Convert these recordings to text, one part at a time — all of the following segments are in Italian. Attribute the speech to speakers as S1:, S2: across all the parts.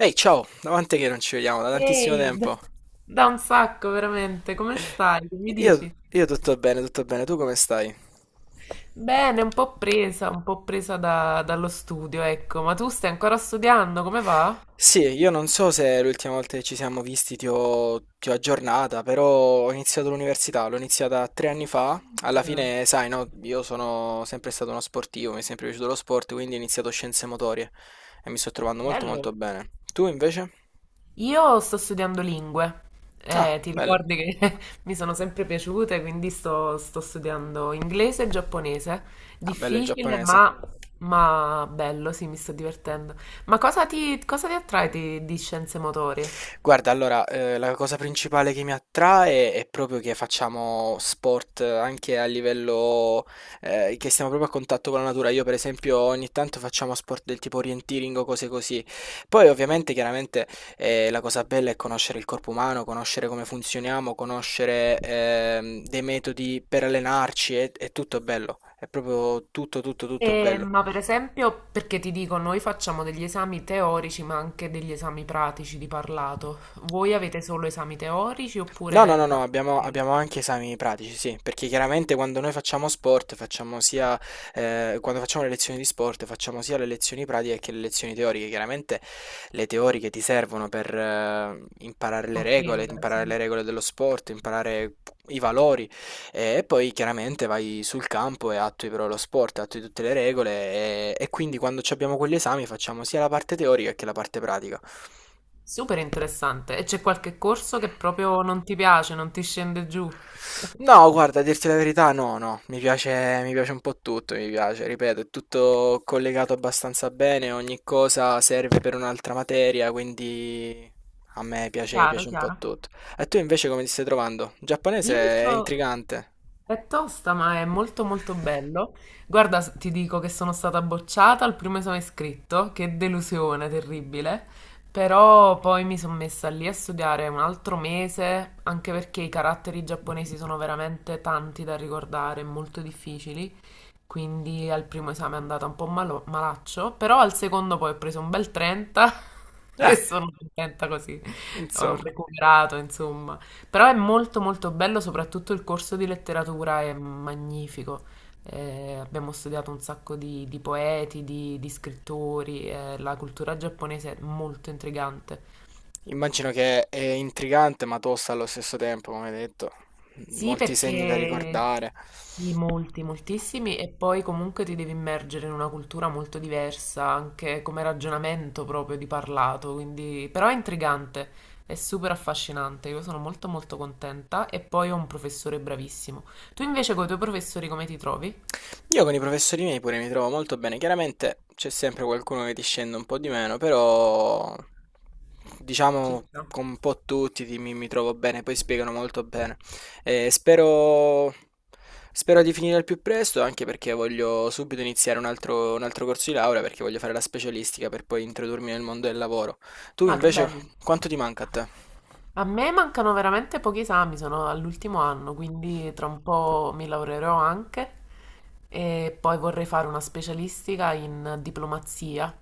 S1: Ehi, ciao, davanti che non ci vediamo da tantissimo
S2: Ehi,
S1: tempo.
S2: da un sacco veramente, come stai? Che mi
S1: Io,
S2: dici?
S1: io tutto bene, tu come stai?
S2: Bene, un po' presa, dallo studio, ecco, ma tu stai ancora studiando, come va?
S1: Sì, io non so se l'ultima volta che ci siamo visti ti ho aggiornata, però ho iniziato l'università, l'ho iniziata 3 anni fa. Alla
S2: Ah,
S1: fine, sai, no, io sono sempre stato uno sportivo, mi è sempre piaciuto lo sport, quindi ho iniziato scienze motorie e mi sto trovando molto
S2: bello.
S1: molto bene. Tu invece?
S2: Io sto studiando lingue.
S1: Ah,
S2: Ti
S1: bello.
S2: ricordi che mi sono sempre piaciute, quindi sto studiando inglese e giapponese,
S1: Ah, bello il
S2: difficile
S1: giapponese.
S2: ma bello, sì, mi sto divertendo. Ma cosa ti attrae di scienze motorie?
S1: Guarda, allora, la cosa principale che mi attrae è proprio che facciamo sport anche a livello che stiamo proprio a contatto con la natura. Io per esempio ogni tanto facciamo sport del tipo orienteering o cose così. Poi ovviamente chiaramente, la cosa bella è conoscere il corpo umano, conoscere come funzioniamo, conoscere, dei metodi per allenarci, è tutto bello. È proprio tutto, tutto, tutto bello.
S2: Ma per esempio, perché ti dico, noi facciamo degli esami teorici, ma anche degli esami pratici di parlato. Voi avete solo esami teorici
S1: No, no,
S2: oppure
S1: no, no,
S2: fate
S1: abbiamo,
S2: anche
S1: abbiamo anche esami pratici, sì, perché chiaramente quando noi facciamo sport, quando facciamo le lezioni di sport, facciamo sia le lezioni pratiche che le lezioni teoriche. Chiaramente le teoriche ti servono per,
S2: comprendere? Sì.
S1: imparare le regole dello sport, imparare i valori e poi chiaramente vai sul campo e attui però lo sport, attui tutte le regole e quindi quando ci abbiamo quegli esami facciamo sia la parte teorica che la parte pratica.
S2: Super interessante. E c'è qualche corso che proprio non ti piace, non ti scende giù?
S1: No, guarda, a dirti la verità, no, no, mi piace un po' tutto, mi piace, ripeto, è tutto collegato abbastanza bene, ogni cosa serve per un'altra materia, quindi a me piace,
S2: Chiaro,
S1: piace un po'
S2: chiaro.
S1: tutto. E tu invece come ti stai trovando? Il giapponese
S2: Io mi
S1: è
S2: sto...
S1: intrigante.
S2: È tosta, ma è molto molto bello. Guarda, ti dico che sono stata bocciata al primo esame scritto, che delusione terribile, però poi mi sono messa lì a studiare un altro mese, anche perché i caratteri giapponesi sono veramente tanti da ricordare, molto difficili, quindi al primo esame è andata un po' malaccio, però al secondo poi ho preso un bel 30
S1: Eh,
S2: e sono contenta così, ho
S1: insomma,
S2: recuperato insomma. Però è molto molto bello, soprattutto il corso di letteratura è magnifico. Abbiamo studiato un sacco di poeti, di scrittori. La cultura giapponese è molto intrigante.
S1: immagino che è intrigante ma tosta allo stesso tempo, come hai detto,
S2: Sì,
S1: molti segni da
S2: perché
S1: ricordare.
S2: sì, molti, moltissimi, e poi comunque ti devi immergere in una cultura molto diversa, anche come ragionamento proprio di parlato, quindi però è intrigante, è super affascinante, io sono molto molto contenta e poi ho un professore bravissimo. Tu invece con i tuoi professori come ti trovi?
S1: Io con i professori miei pure mi trovo molto bene. Chiaramente c'è sempre qualcuno che ti scende un po' di meno, però
S2: Ci
S1: diciamo
S2: sta.
S1: con un po' tutti mi trovo bene, poi spiegano molto bene. E spero di finire al più presto, anche perché voglio subito iniziare un altro corso di laurea, perché voglio fare la specialistica per poi introdurmi nel mondo del lavoro. Tu
S2: Ah, che
S1: invece,
S2: bello.
S1: quanto ti manca a te?
S2: A me mancano veramente pochi esami, sono all'ultimo anno, quindi tra un po' mi laureerò anche e poi vorrei fare una specialistica in diplomazia.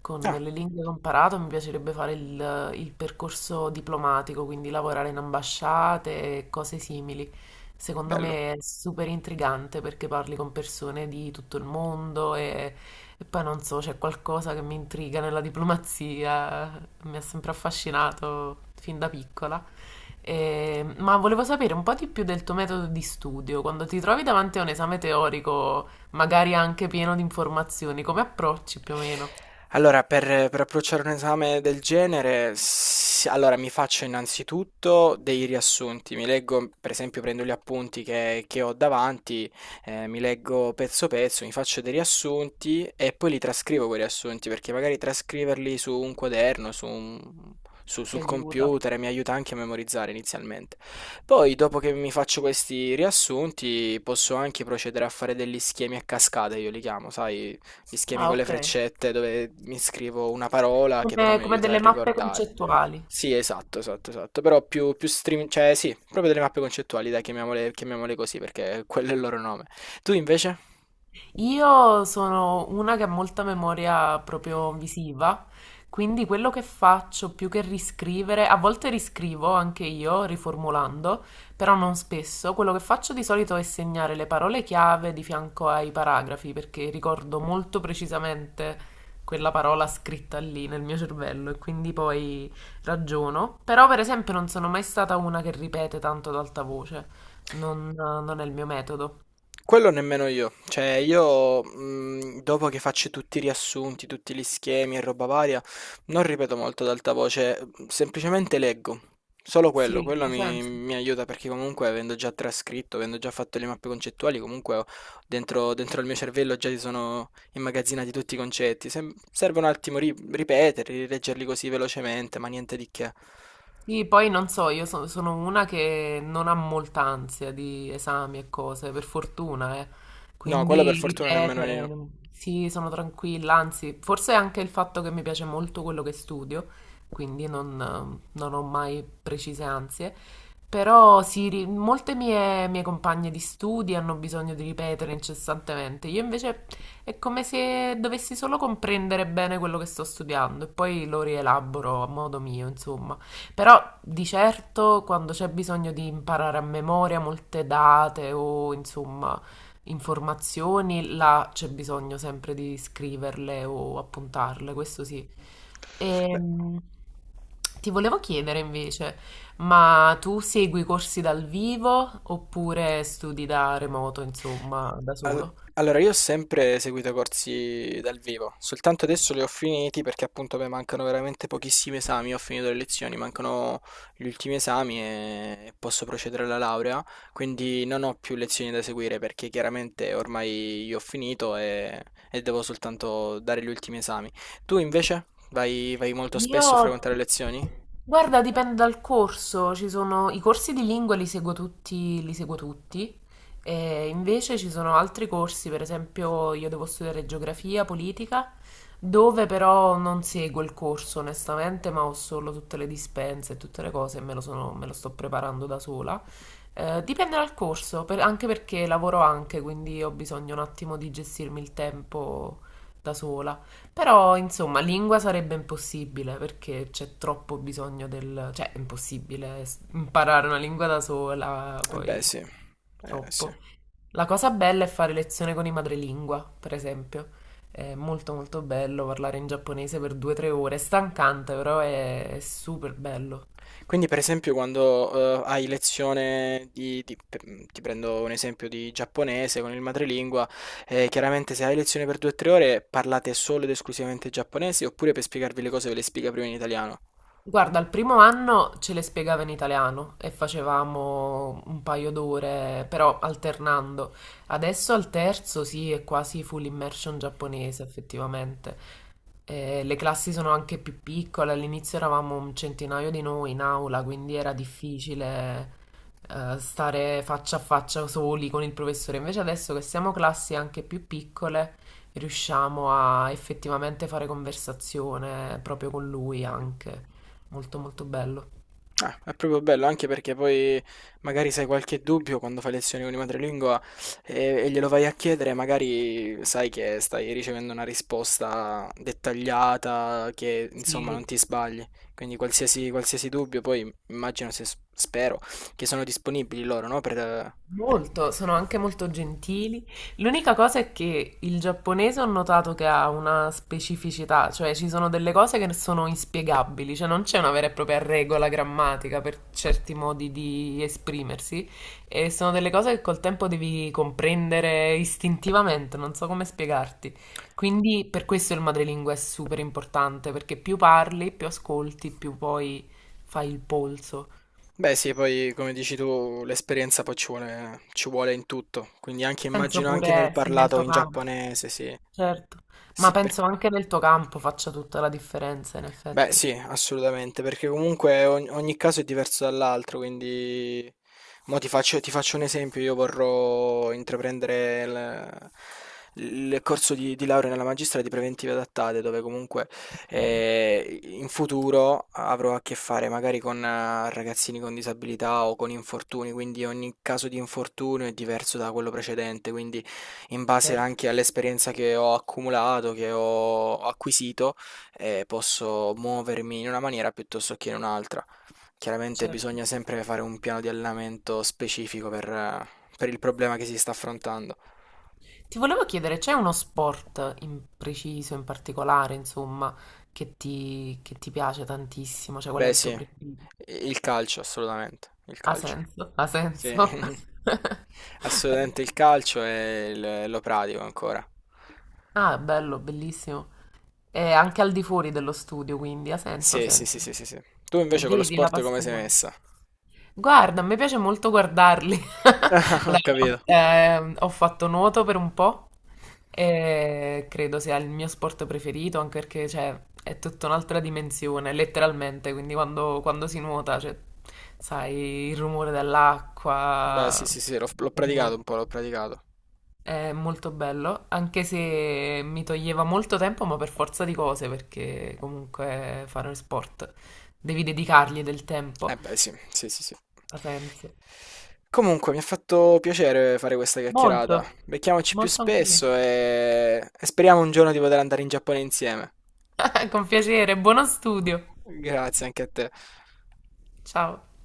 S2: Con
S1: Ah,
S2: le lingue che ho imparato mi piacerebbe fare il percorso diplomatico, quindi lavorare in ambasciate e cose simili. Secondo
S1: bello.
S2: me è super intrigante perché parli con persone di tutto il mondo e poi non so, c'è qualcosa che mi intriga nella diplomazia, mi ha sempre affascinato fin da piccola. Ma volevo sapere un po' di più del tuo metodo di studio. Quando ti trovi davanti a un esame teorico, magari anche pieno di informazioni, come approcci più o meno?
S1: Allora, per approcciare un esame del genere, s allora mi faccio innanzitutto dei riassunti, mi leggo per esempio prendo gli appunti che ho davanti, mi leggo pezzo pezzo, mi faccio dei riassunti e poi li trascrivo quei riassunti, perché magari trascriverli su un quaderno, su un su
S2: Ti
S1: sul
S2: aiuta.
S1: computer mi aiuta anche a memorizzare inizialmente. Poi dopo che mi faccio questi riassunti, posso anche procedere a fare degli schemi a cascata io li chiamo, sai gli schemi
S2: Ah,
S1: con le
S2: ok.
S1: freccette dove mi scrivo una parola che però
S2: Come,
S1: mi
S2: come
S1: aiuta a
S2: delle mappe
S1: ricordare.
S2: concettuali.
S1: Sì, esatto, esatto, esatto. Però più stream, cioè sì, proprio delle mappe concettuali, dai, chiamiamole così perché quello è il loro nome. Tu invece?
S2: Io sono una che ha molta memoria proprio visiva, quindi quello che faccio più che riscrivere, a volte riscrivo anche io riformulando, però non spesso. Quello che faccio di solito è segnare le parole chiave di fianco ai paragrafi, perché ricordo molto precisamente quella parola scritta lì nel mio cervello e quindi poi ragiono. Però per esempio non sono mai stata una che ripete tanto ad alta voce, non è il mio metodo.
S1: Quello nemmeno io. Cioè io, dopo che faccio tutti i riassunti, tutti gli schemi e roba varia, non ripeto molto ad alta voce, semplicemente leggo. Solo quello,
S2: Sì,
S1: quello
S2: ha
S1: mi
S2: senso.
S1: mi aiuta perché comunque avendo già trascritto, avendo già fatto le mappe concettuali, comunque ho dentro dentro il mio cervello già si sono immagazzinati tutti i concetti. Sem serve un attimo ri ripeterli, rileggerli così velocemente, ma niente di che.
S2: Sì, poi non so, sono una che non ha molta ansia di esami e cose, per fortuna, eh.
S1: No, quello per
S2: Quindi
S1: fortuna nemmeno
S2: ripetere,
S1: io.
S2: sì, sono tranquilla, anzi, forse è anche il fatto che mi piace molto quello che studio, quindi non, non ho mai precise ansie. Però sì, molte mie compagne di studi hanno bisogno di ripetere incessantemente. Io invece è come se dovessi solo comprendere bene quello che sto studiando e poi lo rielaboro a modo mio, insomma. Però di certo quando c'è bisogno di imparare a memoria molte date o insomma informazioni, là c'è bisogno sempre di scriverle o appuntarle, questo sì.
S1: Beh.
S2: Ehm, Ti volevo chiedere invece, ma tu segui corsi dal vivo oppure studi da remoto, insomma, da
S1: Al-
S2: solo?
S1: Allora, io ho sempre seguito corsi dal vivo, soltanto adesso li ho finiti perché appunto mi mancano veramente pochissimi esami, ho finito le lezioni, mancano gli ultimi esami e posso procedere alla laurea, quindi non ho più lezioni da seguire perché chiaramente ormai io ho finito e devo soltanto dare gli ultimi esami. Tu invece vai molto spesso a
S2: Io,
S1: frequentare lezioni?
S2: Guarda, dipende dal corso. Ci sono i corsi di lingua, li seguo tutti, li seguo tutti. E invece ci sono altri corsi. Per esempio, io devo studiare geografia, politica, dove però non seguo il corso, onestamente, ma ho solo tutte le dispense e tutte le cose e me lo sto preparando da sola. Dipende dal corso, anche perché lavoro anche, quindi ho bisogno un attimo di gestirmi il tempo da sola. Però, insomma, lingua sarebbe impossibile perché c'è troppo bisogno del... cioè, è impossibile imparare una lingua da sola,
S1: Eh beh,
S2: poi
S1: sì, eh sì.
S2: troppo. La cosa bella è fare lezione con i madrelingua, per esempio. È molto molto bello parlare in giapponese per due o tre ore, è stancante, però è super bello.
S1: Quindi, per esempio, quando hai lezione ti prendo un esempio di giapponese con il madrelingua, chiaramente se hai lezione per 2 3 ore parlate solo ed esclusivamente giapponese oppure per spiegarvi le cose ve le spiega prima in italiano?
S2: Guarda, il primo anno ce le spiegava in italiano e facevamo un paio d'ore, però alternando. Adesso al terzo sì, è quasi full immersion giapponese, effettivamente. Le classi sono anche più piccole, all'inizio eravamo un centinaio di noi in aula, quindi era difficile stare faccia a faccia soli con il professore. Invece adesso che siamo classi anche più piccole, riusciamo a effettivamente fare conversazione proprio con lui anche. Molto molto bello.
S1: Ah, è proprio bello, anche perché poi magari se hai qualche dubbio quando fai lezioni con i madrelingua e, e glielo vai a chiedere, magari sai che stai ricevendo una risposta dettagliata, che insomma non
S2: Sì,
S1: ti sbagli. Quindi qualsiasi dubbio, poi immagino se spero che sono disponibili loro, no? Per.
S2: molto, sono anche molto gentili. L'unica cosa è che il giapponese ho notato che ha una specificità, cioè ci sono delle cose che sono inspiegabili, cioè non c'è una vera e propria regola grammatica per certi modi di esprimersi e sono delle cose che col tempo devi comprendere istintivamente, non so come spiegarti. Quindi per questo il madrelingua è super importante, perché più parli, più ascolti, più poi fai il polso.
S1: Beh sì, poi come dici tu, l'esperienza poi ci vuole in tutto, quindi anche
S2: Penso
S1: immagino anche nel
S2: pure, sì, nel
S1: parlato
S2: tuo
S1: in
S2: campo,
S1: giapponese, sì.
S2: certo, ma
S1: Sì.
S2: penso anche nel tuo campo faccia tutta la differenza, in
S1: Beh,
S2: effetti.
S1: sì, assolutamente, perché comunque ogni caso è diverso dall'altro, quindi mo ti faccio un esempio, io vorrò intraprendere il corso di laurea nella magistrale di preventive adattate, dove comunque
S2: Ok,
S1: in futuro avrò a che fare magari con ragazzini con disabilità o con infortuni, quindi ogni caso di infortunio è diverso da quello precedente, quindi in base
S2: certo,
S1: anche all'esperienza che ho accumulato, che ho acquisito, e posso muovermi in una maniera piuttosto che in un'altra. Chiaramente
S2: certo.
S1: bisogna sempre fare un piano di allenamento specifico per il problema che si sta affrontando.
S2: Ti volevo chiedere, c'è uno sport in preciso, in particolare, insomma, che ti piace tantissimo? Cioè, qual è
S1: Beh,
S2: il tuo
S1: sì,
S2: preferito?
S1: il calcio, assolutamente, il
S2: Ha
S1: calcio.
S2: senso? Ha
S1: Sì,
S2: senso?
S1: assolutamente il calcio e lo pratico ancora.
S2: Ah, bello, bellissimo. E anche al di fuori dello studio, quindi ha senso, ha
S1: Sì, sì, sì,
S2: senso.
S1: sì, sì, sì. Tu
S2: E
S1: invece con lo
S2: vedi la
S1: sport come sei
S2: passione.
S1: messa?
S2: Guarda, a me piace molto guardarli.
S1: Ho
S2: Allora, no,
S1: capito.
S2: ho fatto nuoto per un po' e credo sia il mio sport preferito, anche perché cioè, è tutta un'altra dimensione, letteralmente. Quindi quando, quando si nuota, cioè, sai, il rumore
S1: Beh, sì,
S2: dell'acqua,
S1: sì, sì, l'ho
S2: mi
S1: l'ho
S2: piace
S1: praticato un
S2: molto.
S1: po', l'ho praticato.
S2: È molto bello, anche se mi toglieva molto tempo, ma per forza di cose, perché comunque fare sport devi dedicargli del
S1: Eh
S2: tempo,
S1: beh, sì, sì, sì, sì.
S2: ha senso.
S1: Comunque, mi ha fatto piacere fare questa chiacchierata.
S2: Molto,
S1: Becchiamoci più
S2: molto anche a me.
S1: spesso e speriamo un giorno di poter andare in Giappone insieme.
S2: Con piacere, buono studio.
S1: Grazie anche a te.
S2: Ciao.